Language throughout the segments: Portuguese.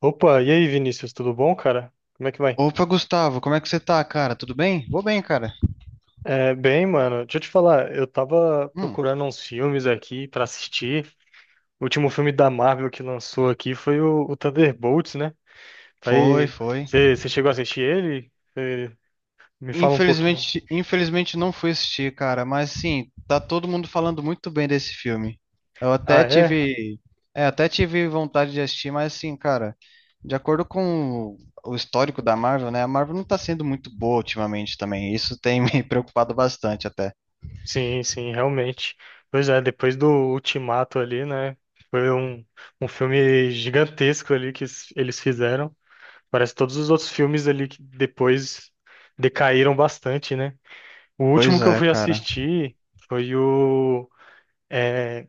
Opa, e aí, Vinícius, tudo bom, cara? Como é que vai? Opa, Gustavo, como é que você tá, cara? Tudo bem? Vou bem, cara. Bem, mano, deixa eu te falar, eu tava Hum, procurando uns filmes aqui pra assistir. O último filme da Marvel que lançou aqui foi o Thunderbolts, né? foi, Aí, foi. você chegou a assistir ele? Cê me fala um pouquinho. Infelizmente não fui assistir, cara, mas sim, tá todo mundo falando muito bem desse filme. Eu Ah, até é? tive, é, até tive vontade de assistir, mas assim, cara, de acordo com o histórico da Marvel, né? A Marvel não tá sendo muito boa ultimamente também. Isso tem me preocupado bastante até. Sim, sim, realmente. Pois é, depois do Ultimato ali, né? Foi um filme gigantesco ali que eles fizeram. Parece que todos os outros filmes ali que depois decaíram bastante, né? O último Pois que eu é, fui cara. assistir foi o é,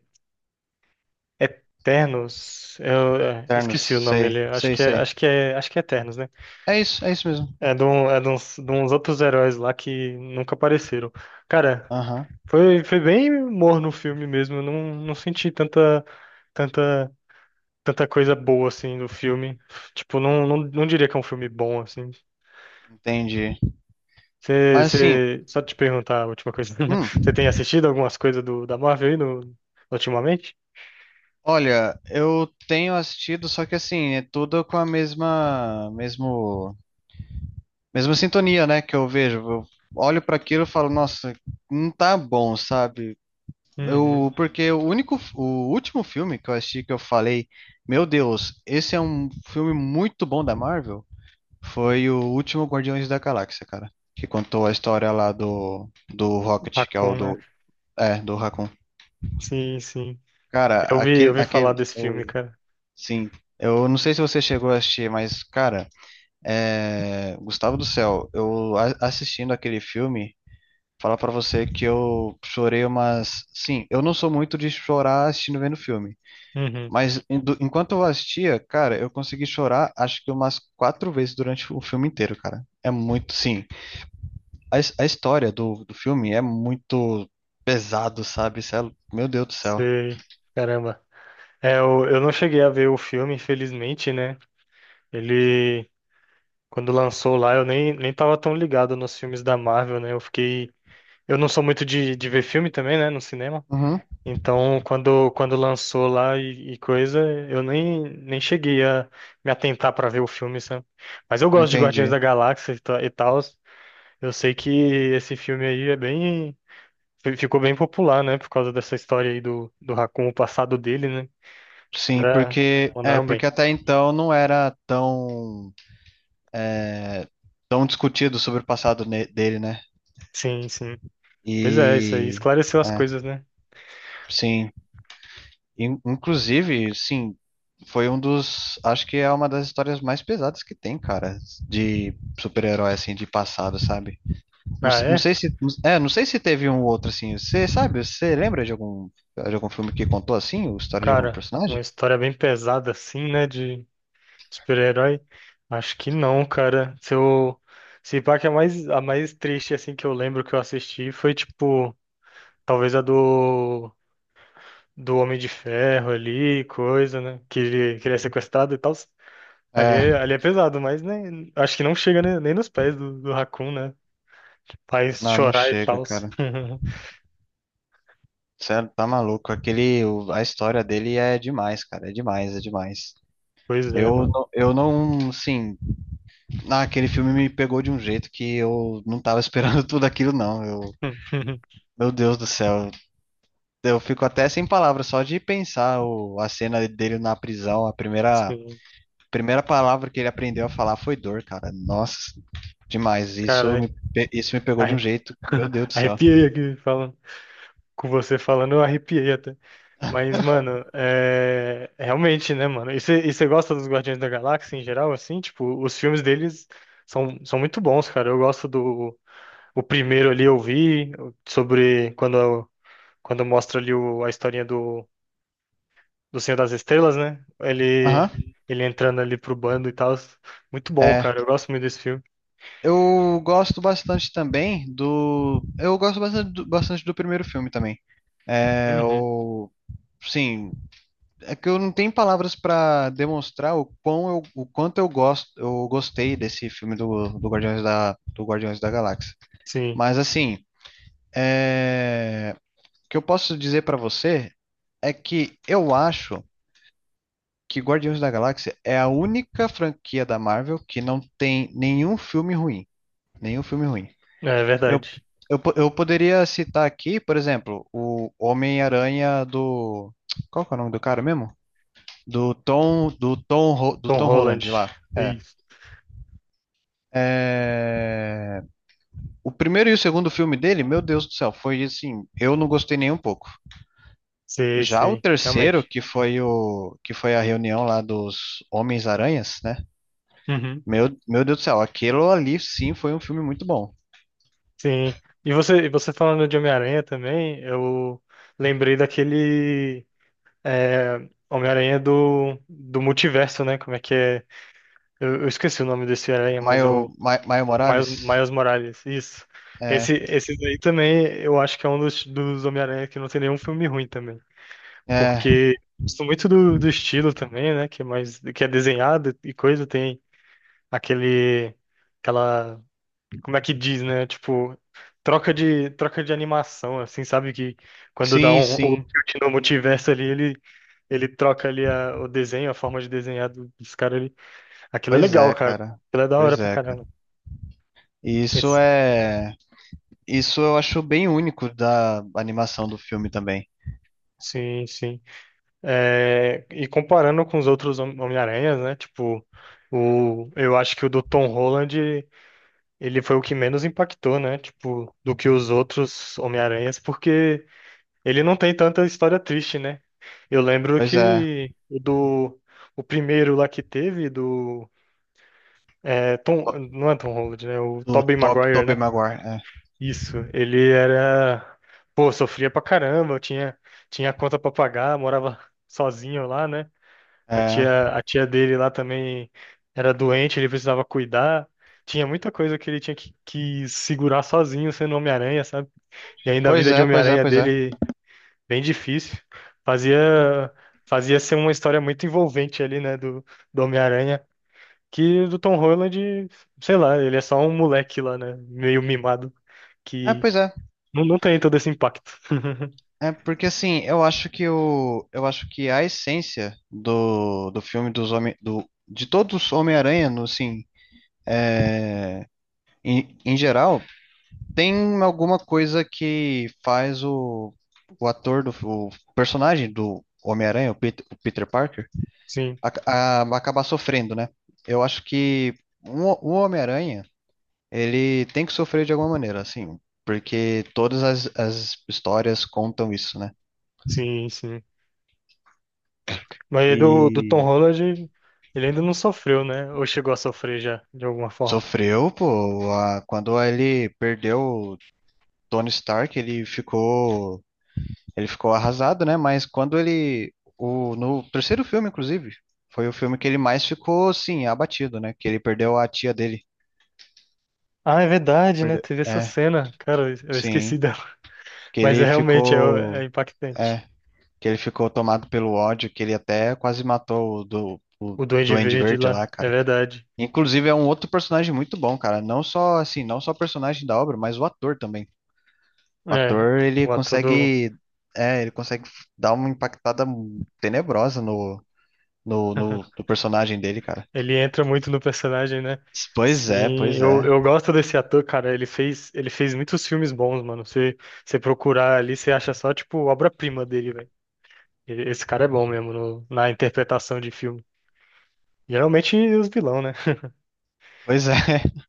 Eternos. Eu Eternos, esqueci o nome sei, ali. Sei, sei. Acho que é Eternos, né? É isso mesmo. É de, é de uns outros heróis lá que nunca apareceram. Cara, Aham, foi bem morno o filme mesmo. Eu não senti tanta, tanta coisa boa assim no filme. Tipo, não diria que é um filme bom assim. entendi. Mas assim, Só te perguntar a última coisa. hum. Você tem assistido algumas coisas da Marvel aí no, ultimamente? Olha, eu tenho assistido, só que assim, é tudo com a mesma, mesmo, mesma sintonia, né, que eu vejo. Eu olho para aquilo e falo, nossa, não tá bom, sabe? Uhum. Eu, porque o único, o último filme que eu assisti que eu falei, meu Deus, esse é um filme muito bom da Marvel, foi o último Guardiões da Galáxia, cara, que contou a história lá do Rocket, que é o Hakun, né? do, é, do Raccoon. Sim, sim. Cara, Eu aquele, vi falar aquele, desse filme, cara. Sim, eu não sei se você chegou a assistir, mas, cara, Gustavo do Céu, assistindo aquele filme, falar pra você que eu chorei umas. Sim, eu não sou muito de chorar assistindo vendo filme, Uhum. mas enquanto eu assistia, cara, eu consegui chorar acho que umas 4 vezes durante o filme inteiro, cara. É muito, sim. A, a história do, do filme é muito pesado, sabe? Meu Deus do céu. Sei. Caramba. É, eu não cheguei a ver o filme, infelizmente, né? Ele, quando lançou lá, eu nem tava tão ligado nos filmes da Marvel, né? Eu fiquei. Eu não sou muito de ver filme também, né? No cinema. Uhum, Então, quando lançou lá e coisa, eu nem cheguei a me atentar pra ver o filme, sabe? Mas eu gosto de Guardiões entendi. da Galáxia e tal. E tals. Eu sei que esse filme aí é bem. Ficou bem popular, né? Por causa dessa história aí do Raccoon, o passado dele, né? Os Sim, caras porque é mandaram porque bem. até então não era tão é, tão discutido sobre o passado dele, né? Sim, sim. Pois é, isso aí E esclareceu as é, coisas, né? sim, inclusive, sim, foi um dos, acho que é uma das histórias mais pesadas que tem, cara, de super-herói assim de passado, sabe? Não, Ah, não é? sei se é, não sei se teve um outro assim. Você sabe? Você lembra de algum filme que contou assim, a história de algum Cara, uma personagem? história bem pesada assim, né? De super-herói. Acho que não, cara. Se eu... Se pá que a mais triste, assim, que eu lembro que eu assisti foi, tipo, talvez a do, do Homem de Ferro ali, coisa, né? Que ele é sequestrado e tal. É, Ali é pesado, mas nem, acho que não chega nem, nem nos pés do Raccoon, né? Faz não, não chorar e chega, tal. cara. Sério, tá maluco. Aquele, a história dele é demais, cara. É demais, é demais. Pois é, Eu, mano. Eu não, assim, ah, aquele filme me pegou de um jeito que eu não tava esperando tudo aquilo, não. Eu, meu Deus do céu. Eu fico até sem palavras só de pensar o, a cena dele na prisão. Sim, Primeira palavra que ele aprendeu a falar foi dor, cara. Nossa, demais. Caralho. Isso me pegou de um Arre- jeito que, meu Deus do céu. Arrepiei aqui falando. Com você falando, eu arrepiei até. Mas, mano, é... Realmente, né, mano? E você gosta dos Guardiões da Galáxia em geral, assim? Tipo, os filmes deles são muito bons, cara. Eu gosto do... O primeiro ali eu vi sobre quando, quando mostra ali o... A historinha do Senhor das Estrelas, né? Ele, Aham. ele entrando ali pro bando e tal. Muito bom, É. cara. Eu gosto muito desse filme. Eu gosto bastante também do. Eu gosto bastante do primeiro filme também. É, Uhum. o, sim, é que eu não tenho palavras pra demonstrar o quanto eu gosto, eu gostei desse filme do, do Guardiões da Galáxia. Sim, Mas assim, é, o que eu posso dizer pra você é que eu acho que Guardiões da Galáxia é a única franquia da Marvel que não tem nenhum filme ruim. Nenhum filme ruim. é Eu, verdade. Eu poderia citar aqui, por exemplo, o Homem-Aranha do. Qual que é o nome do cara mesmo? Do Tom Tom Holland. Holland lá. Isso. É, o primeiro e o segundo filme dele, meu Deus do céu, foi assim, eu não gostei nem um pouco. Sei, Já o sei. terceiro, Realmente. que foi o que foi a reunião lá dos Homens-Aranhas, né? Uhum. Meu Deus do céu, aquilo ali sim foi um filme muito bom. Sim. E você falando de Homem-Aranha também, eu lembrei daquele é, Homem-Aranha do multiverso, né? Como é que é? Eu esqueci o nome desse aranha, mas é o Maio Morales, Miles Morales, isso. é, Esse daí também, eu acho que é um dos, dos Homem-Aranha que não tem nenhum filme ruim também. é, Porque gosto muito do estilo também, né? Que é mais, que é desenhado e coisa, tem aquele, aquela, como é que diz, né? Tipo, troca de animação, assim, sabe? Que quando dá sim, um, o sim. tilt no multiverso ali, ele troca ali a, o desenho, a forma de desenhar dos caras ali. Aquilo é Pois legal, é, cara. cara. Aquilo é da hora Pois pra é, cara. caramba. E isso Esse- é. Isso eu acho bem único da animação do filme também. sim, sim. É, e comparando com os outros Homem-Aranhas, né? Tipo, o, eu acho que o do Tom Holland, ele foi o que menos impactou, né? Tipo, do que os outros Homem-Aranhas, porque ele não tem tanta história triste, né? Eu lembro Pois é. que o primeiro lá que teve, do Tom, To- não é Tom Holland, né? O Do Tobey Tob Maguire, Tobey né? Maguire. Isso, ele era, pô, sofria pra caramba, tinha conta pra pagar, morava sozinho lá, né? É. É. A tia dele lá também era doente, ele precisava cuidar. Tinha muita coisa que ele tinha que segurar sozinho sendo Homem-Aranha, sabe? E ainda a Pois vida de é, pois é, Homem-Aranha pois é. dele, bem difícil. Fazia, fazia ser uma história muito envolvente ali, né, do Homem-Aranha. Que do Tom Holland, sei lá, ele é só um moleque lá, né? Meio mimado, É, que pois é. Não tem todo esse impacto. É porque assim, eu acho que o. Eu acho que a essência do, do filme de todos os Homem-Aranha, no, assim, em, em geral, tem alguma coisa que faz o ator do o personagem do Homem-Aranha, o Peter Parker Sim, acabar sofrendo, né? Eu acho que um, o Homem-Aranha, ele tem que sofrer de alguma maneira, assim, porque todas as, as histórias contam isso, né? sim, sim. Mas do Tom E Holland, ele ainda não sofreu, né? Ou chegou a sofrer já, de alguma forma. sofreu, pô, quando ele perdeu o Tony Stark, ele ficou arrasado, né? Mas quando ele, o, no terceiro filme, inclusive, foi o filme que ele mais ficou, sim, abatido, né? Que ele perdeu a tia dele. Ah, é verdade, né? Perdeu. Teve essa É, cena. Cara, eu sim. esqueci dela. Que Mas é ele realmente é, é ficou. impactante. É, que ele ficou tomado pelo ódio, que ele até quase matou o O Duende Duende Verde Verde lá, lá, é cara. verdade. Inclusive é um outro personagem muito bom, cara. Não só assim, não só o personagem da obra, mas o ator também. O É, ator, ele o ator do. consegue, é, ele consegue dar uma impactada tenebrosa no personagem dele, cara. Ele entra muito no personagem, né? Pois é, Sim, pois é. eu gosto desse ator, cara. Ele fez muitos filmes bons, mano. Você, você procurar ali, você acha só, tipo, obra-prima dele, velho. Esse cara é bom mesmo na interpretação de filme. Geralmente os vilão, né? Pois é.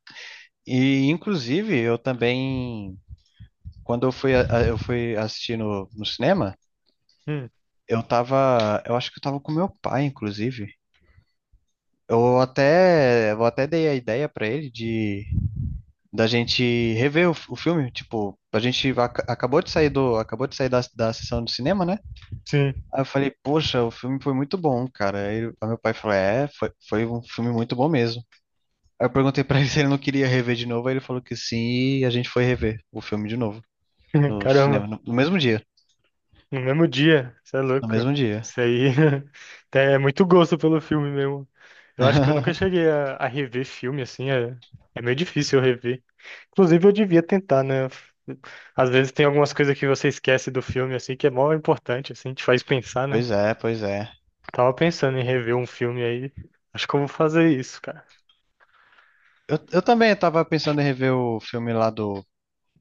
E inclusive eu também quando eu fui eu fui assistir no, no cinema, Hum, eu tava, eu acho que eu tava com meu pai, inclusive. Eu até dei a ideia pra ele de da gente rever o filme, tipo, a gente acabou de sair do, acabou de sair da, da sessão do cinema, né? sim. Aí eu falei, poxa, o filme foi muito bom, cara. Aí aí meu pai falou, é, foi, foi um filme muito bom mesmo. Aí eu perguntei pra ele se ele não queria rever de novo, aí ele falou que sim, e a gente foi rever o filme de novo no cinema, Caramba, no, no mesmo dia, no mesmo dia, você é no louco. mesmo dia. Isso aí até é muito gosto pelo filme mesmo. Eu acho que eu nunca cheguei a rever filme assim, é, é meio difícil eu rever. Inclusive, eu devia tentar, né? Às vezes tem algumas coisas que você esquece do filme, assim, que é mó importante, assim, te faz pensar, né? Pois é, pois é. Tava pensando em rever um filme aí. Acho que eu vou fazer isso, cara. Eu também tava pensando em rever o filme lá do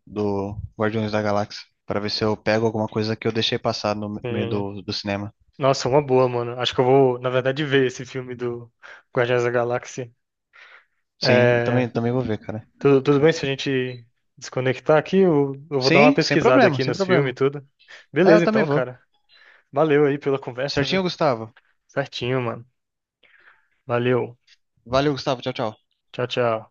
do Guardiões da Galáxia, para ver se eu pego alguma coisa que eu deixei passar no meio E- do, do cinema. Nossa, uma boa, mano. Acho que eu vou, na verdade, ver esse filme do Guardiões da Galáxia. Sim, eu também, É, também vou ver, cara. Tudo bem se a gente desconectar aqui? Eu vou dar uma Sim, sem pesquisada problema, aqui sem nos filmes e problema. tudo. É, eu Beleza, também então, vou. cara. Valeu aí pela conversa, viu? Certinho, Gustavo. Certinho, mano. Valeu. Valeu, Gustavo. Tchau, tchau. Tchau, tchau.